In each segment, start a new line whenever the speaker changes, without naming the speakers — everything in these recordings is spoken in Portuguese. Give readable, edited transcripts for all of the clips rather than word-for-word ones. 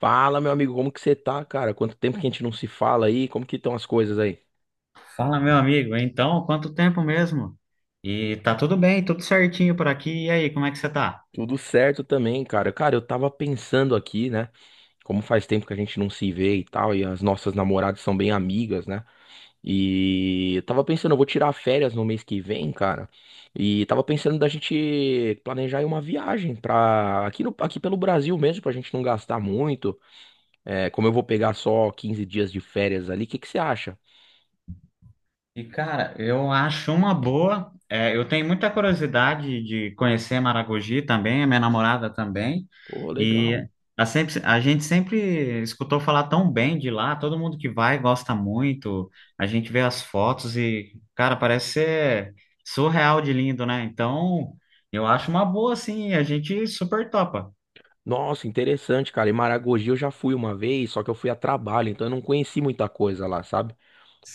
Fala, meu amigo, como que você tá, cara? Quanto tempo que a gente não se fala aí? Como que estão as coisas aí?
Fala, meu amigo. Então, quanto tempo mesmo? E tá tudo bem, tudo certinho por aqui. E aí, como é que você tá?
Tudo certo também, cara. Cara, eu tava pensando aqui, né? Como faz tempo que a gente não se vê e tal, e as nossas namoradas são bem amigas, né? E eu tava pensando, eu vou tirar férias no mês que vem, cara. E tava pensando da gente planejar aí uma viagem pra aqui, no, aqui pelo Brasil mesmo, pra gente não gastar muito. É, como eu vou pegar só 15 dias de férias ali, o que que você acha?
E cara, eu acho uma boa. É, eu tenho muita curiosidade de conhecer Maragogi também, a minha namorada também.
Pô, legal.
E a gente sempre escutou falar tão bem de lá, todo mundo que vai gosta muito. A gente vê as fotos e, cara, parece ser surreal de lindo, né? Eu acho uma boa, sim, a gente super topa.
Nossa, interessante, cara. E Maragogi eu já fui uma vez, só que eu fui a trabalho, então eu não conheci muita coisa lá, sabe?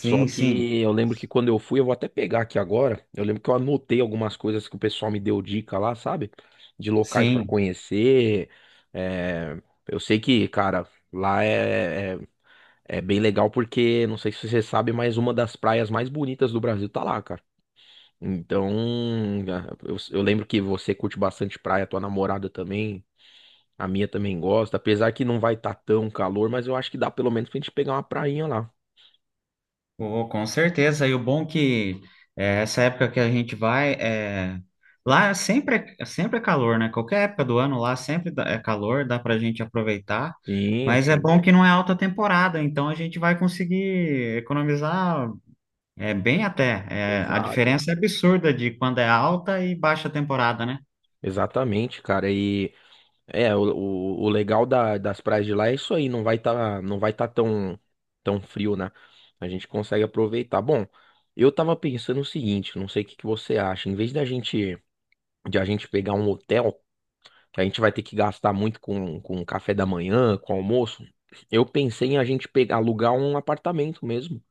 Só
sim.
que eu lembro que quando eu fui, eu vou até pegar aqui agora. Eu lembro que eu anotei algumas coisas que o pessoal me deu dica lá, sabe? De locais pra
Sim,
conhecer. É, eu sei que, cara, lá é bem legal porque, não sei se você sabe, mas uma das praias mais bonitas do Brasil tá lá, cara. Então, eu lembro que você curte bastante praia, tua namorada também. A minha também gosta, apesar que não vai estar tão calor, mas eu acho que dá pelo menos pra gente pegar uma prainha lá.
pô, com certeza. E o bom que essa época que a gente vai, lá sempre é calor, né? Qualquer época do ano lá é calor, dá para a gente aproveitar.
Sim,
Mas é
sim.
bom que não é alta temporada, então a gente vai conseguir economizar bem até. É, a
Exato.
diferença é absurda de quando é alta e baixa temporada, né?
Exatamente, cara. E o legal das praias de lá é isso aí, não vai tá tão tão frio, né? A gente consegue aproveitar. Bom, eu tava pensando o seguinte, não sei o que que você acha, em vez da gente de a gente pegar um hotel, que a gente vai ter que gastar muito com café da manhã, com almoço, eu pensei em a gente pegar alugar um apartamento mesmo.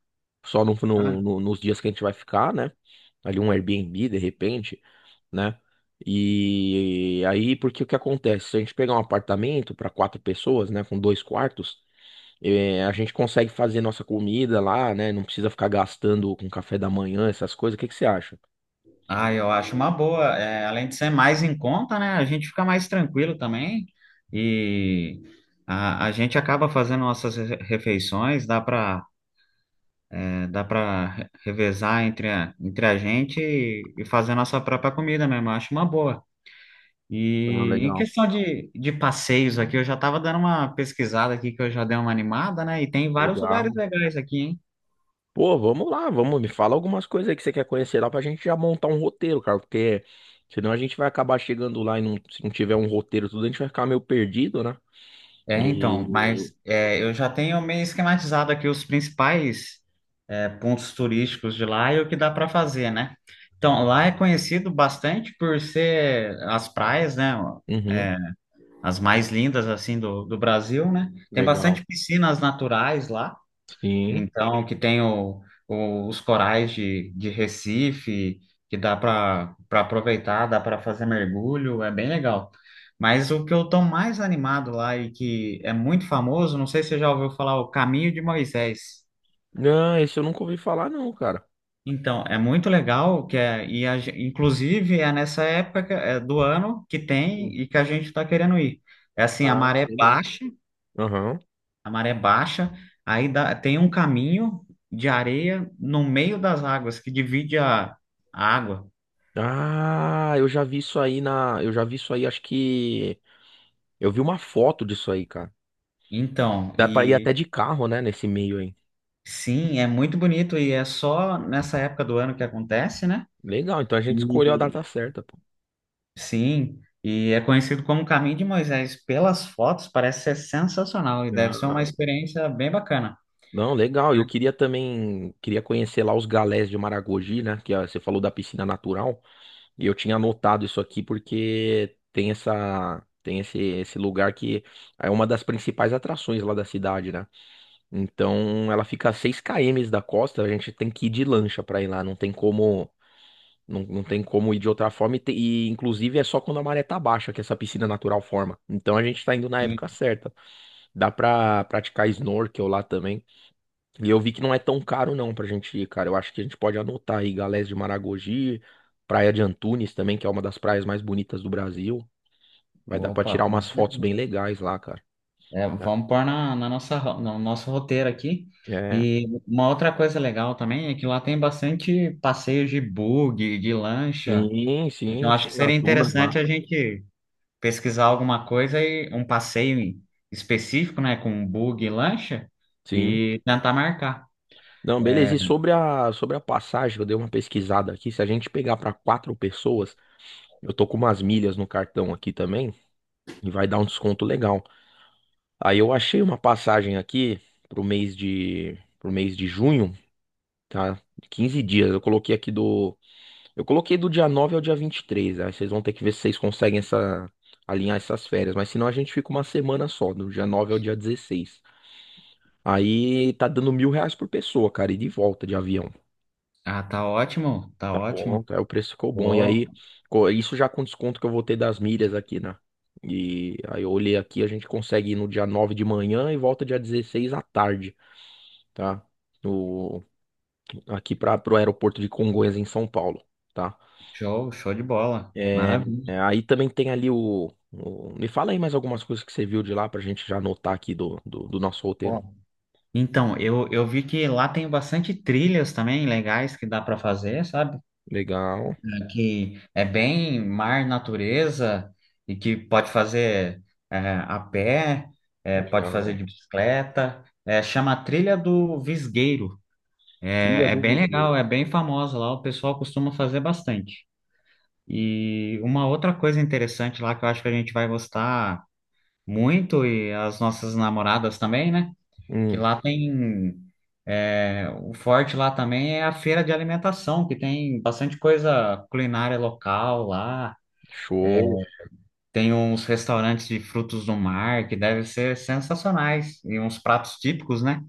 Só
Ah,
nos dias que a gente vai ficar, né? Ali um Airbnb, de repente, né? E aí, porque o que acontece? Se a gente pegar um apartamento para quatro pessoas, né? Com dois quartos, a gente consegue fazer nossa comida lá, né? Não precisa ficar gastando com café da manhã, essas coisas. O que que você acha?
Ah, eu acho uma boa. É, além de ser mais em conta, né? A gente fica mais tranquilo também e a gente acaba fazendo nossas refeições, dá para dá para revezar entre a gente e fazer nossa própria comida mesmo. Eu acho uma boa.
Ah,
E em
legal.
questão de passeios aqui, eu já estava dando uma pesquisada aqui que eu já dei uma animada, né? E tem vários lugares
Legal.
legais aqui, hein?
Pô, vamos lá, vamos, me fala algumas coisas aí que você quer conhecer lá pra gente já montar um roteiro, cara, porque senão a gente vai acabar chegando lá e se não tiver um roteiro tudo, a gente vai ficar meio perdido, né?
Então, eu já tenho meio esquematizado aqui os principais pontos turísticos de lá e o que dá para fazer, né? Então, lá é conhecido bastante por ser as praias, né?
Uhum,
As mais lindas, assim, do Brasil, né? Tem
legal.
bastante piscinas naturais lá.
Sim.
Então, que tem o- Os corais de Recife, que dá para aproveitar, dá para fazer mergulho, é bem legal. Mas o que eu estou mais animado lá e que é muito famoso, não sei se você já ouviu falar, o Caminho de Moisés.
Não, esse eu nunca ouvi falar, não, cara.
Então, é muito legal, que é, e a gen- inclusive é nessa época do ano que tem
Hum.
e que a gente está querendo ir. É assim,
Ah, legal. Aham.
a maré é baixa, tem um caminho de areia no meio das águas que divide a água.
Ah, eu já vi isso aí na. Eu já vi isso aí, acho que. Eu vi uma foto disso aí, cara.
Então,
Dá pra ir até
e
de carro, né, nesse meio aí.
sim, é muito bonito e é só nessa época do ano que acontece, né?
Legal, então a gente escolheu a
E
data certa, pô.
sim, e é conhecido como Caminho de Moisés. Pelas fotos, parece ser sensacional e deve ser uma
Ah,
experiência bem bacana.
não, legal. Eu queria também. Queria conhecer lá os galés de Maragogi, né? Que você falou da piscina natural. E eu tinha anotado isso aqui porque tem esse lugar que é uma das principais atrações lá da cidade, né? Então ela fica a 6 km da costa, a gente tem que ir de lancha pra ir lá, não tem como ir de outra forma e, inclusive é só quando a maré tá baixa que essa piscina natural forma. Então a gente tá indo na época
Sim.
certa. Dá pra praticar snorkel lá também. E eu vi que não é tão caro não pra gente ir, cara. Eu acho que a gente pode anotar aí Galés de Maragogi, Praia de Antunes também, que é uma das praias mais bonitas do Brasil. Vai dar pra
Opa,
tirar
com
umas fotos bem
certeza.
legais lá, cara.
É, vamos pôr na nossa, no nosso roteiro aqui.
É.
E uma outra coisa legal também é que lá tem bastante passeios de bug, de lancha.
Sim,
Então
sim,
acho
sim,
que seria
nas dunas lá.
interessante a gente pesquisar alguma coisa e um passeio específico, né, com bug e lancha
Sim.
e tentar marcar.
Não,
É,
beleza. E sobre a passagem, eu dei uma pesquisada aqui. Se a gente pegar para quatro pessoas, eu tô com umas milhas no cartão aqui também e vai dar um desconto legal. Aí eu achei uma passagem aqui pro mês de junho. Tá, 15 dias. Eu coloquei aqui do. Eu coloquei do dia 9 ao dia 23. Aí vocês vão ter que ver se vocês conseguem alinhar essas férias. Mas senão a gente fica uma semana só, do dia 9 ao dia 16. Aí tá dando 1.000 reais por pessoa, cara, e de volta de avião.
ah, tá ótimo, tá
Tá bom,
ótimo.
tá? O preço ficou bom. E aí,
Pô,
isso já com desconto que eu vou ter das milhas aqui, né? E aí eu olhei aqui, a gente consegue ir no dia 9 de manhã e volta dia 16 à tarde, tá? No... Aqui para pro aeroporto de Congonhas, em São Paulo. Tá.
show, show de bola. Maravilha.
É, aí também tem ali o- Me fala aí mais algumas coisas que você viu de lá pra gente já anotar aqui do nosso roteiro.
Pô. Então, eu vi que lá tem bastante trilhas também legais que dá para fazer, sabe?
Legal,
Que é bem mar, natureza, e que pode fazer é, a pé, pode fazer
legal.
de bicicleta, chama a Trilha do Visgueiro.
Trilha
É, é
do
bem
Vislumbre.
legal, é bem famosa lá, o pessoal costuma fazer bastante. E uma outra coisa interessante lá que eu acho que a gente vai gostar muito, e as nossas namoradas também, né? Que
Hum,
lá tem. O forte lá também é a feira de alimentação, que tem bastante coisa culinária local lá.
show.
Tem uns restaurantes de frutos do mar que devem ser sensacionais e uns pratos típicos, né?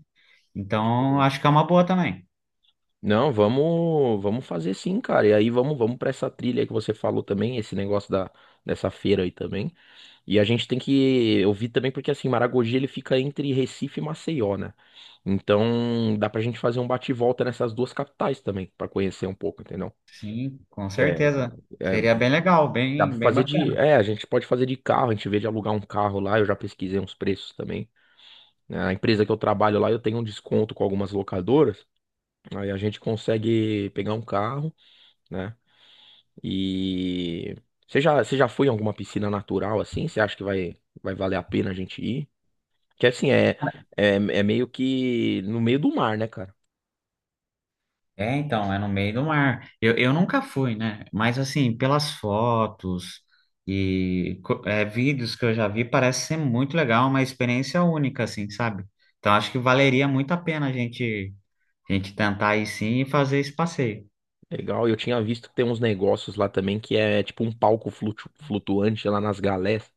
Então, acho que é uma boa também.
Não, vamos fazer sim, cara. E aí vamos para essa trilha aí que você falou também, esse negócio da dessa feira aí também. E a gente tem que eu vi também porque assim, Maragogi ele fica entre Recife e Maceió, né? Então, dá pra gente fazer um bate e volta nessas duas capitais também, pra conhecer um pouco, entendeu?
Sim, com
É,
certeza.
é
Seria bem legal,
Dá pra
bem, bem
fazer de.
bacana.
É, a gente pode fazer de carro, a gente vê de alugar um carro lá, eu já pesquisei uns preços também. Né? A empresa que eu trabalho lá, eu tenho um desconto com algumas locadoras, aí a gente consegue pegar um carro, né? E. você já foi em alguma piscina natural assim? Você acha que vai valer a pena a gente ir? Que assim, é meio que no meio do mar, né, cara?
É, então, é no meio do mar. Eu nunca fui, né? Mas, assim, pelas fotos e vídeos que eu já vi, parece ser muito legal, uma experiência única, assim, sabe? Então, acho que valeria muito a pena a gente tentar ir sim e fazer esse passeio.
Legal, eu tinha visto que tem uns negócios lá também que é tipo um palco flutuante lá nas galés.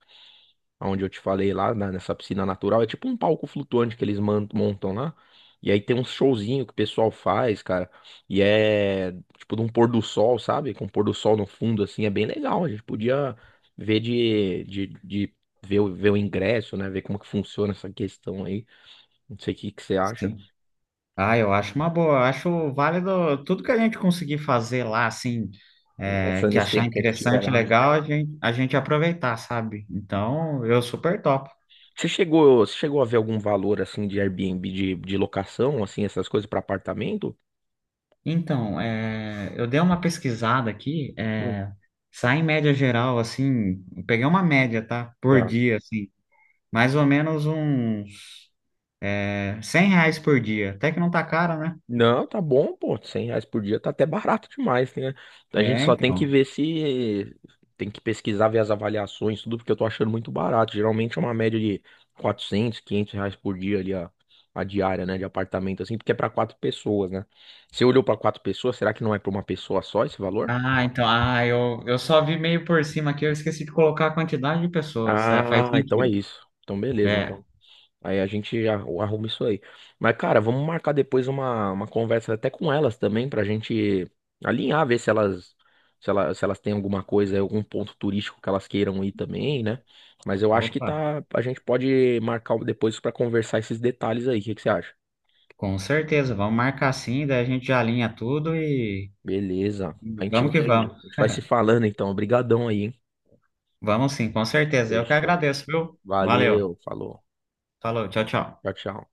Onde eu te falei lá, nessa piscina natural, é tipo um palco flutuante que eles montam lá. E aí tem um showzinho que o pessoal faz, cara. E é tipo de um pôr do sol, sabe? Com um pôr do sol no fundo, assim, é bem legal. A gente podia ver de ver, o- ver o ingresso, né? Ver como que funciona essa questão aí. Não sei o que que você acha.
Sim. Ah, eu acho uma boa, eu acho válido tudo que a gente conseguir fazer lá, assim,
Nessa,
que
nesse
achar
tempo que a gente tiver
interessante,
lá, né?
legal, a gente aproveitar, sabe? Então, eu super topo.
Você chegou a ver algum valor assim de Airbnb de locação, assim, essas coisas para apartamento?
Então, eu dei uma pesquisada aqui,
Hum.
sai em média geral, assim, eu peguei uma média, tá? Por
Tá.
dia, assim, mais ou menos uns R$ 100 por dia, até que não tá caro, né?
Não, tá bom, pô. 100 reais por dia tá até barato demais, né? A gente
É,
só tem que
então.
ver se. Tem que pesquisar, ver as avaliações, tudo, porque eu tô achando muito barato. Geralmente é uma média de 400, 500 reais por dia ali, a diária, né? De apartamento, assim, porque é pra quatro pessoas, né? Você olhou pra quatro pessoas, será que não é pra uma pessoa só esse valor?
Ah, então, ah, eu só vi meio por cima aqui, eu esqueci de colocar a quantidade de pessoas, é, faz
Ah, então é
sentido.
isso. Então, beleza.
É,
Então. Aí a gente já arruma isso aí. Mas, cara, vamos marcar depois uma conversa até com elas também, pra gente alinhar, ver se elas têm alguma coisa, algum ponto turístico que elas queiram ir também, né? Mas eu acho que
opa,
tá, a gente pode marcar depois pra conversar esses detalhes aí. O que que você acha?
com certeza. Vamos marcar sim, daí a gente já alinha tudo e
Beleza. A gente
vamos que
vai,
vamos.
a gente vai se falando então. Obrigadão aí, hein?
Vamos sim, com certeza. Eu que
Fechou.
agradeço, viu? Valeu.
Valeu, falou.
Falou, tchau, tchau.
Tchau, tchau.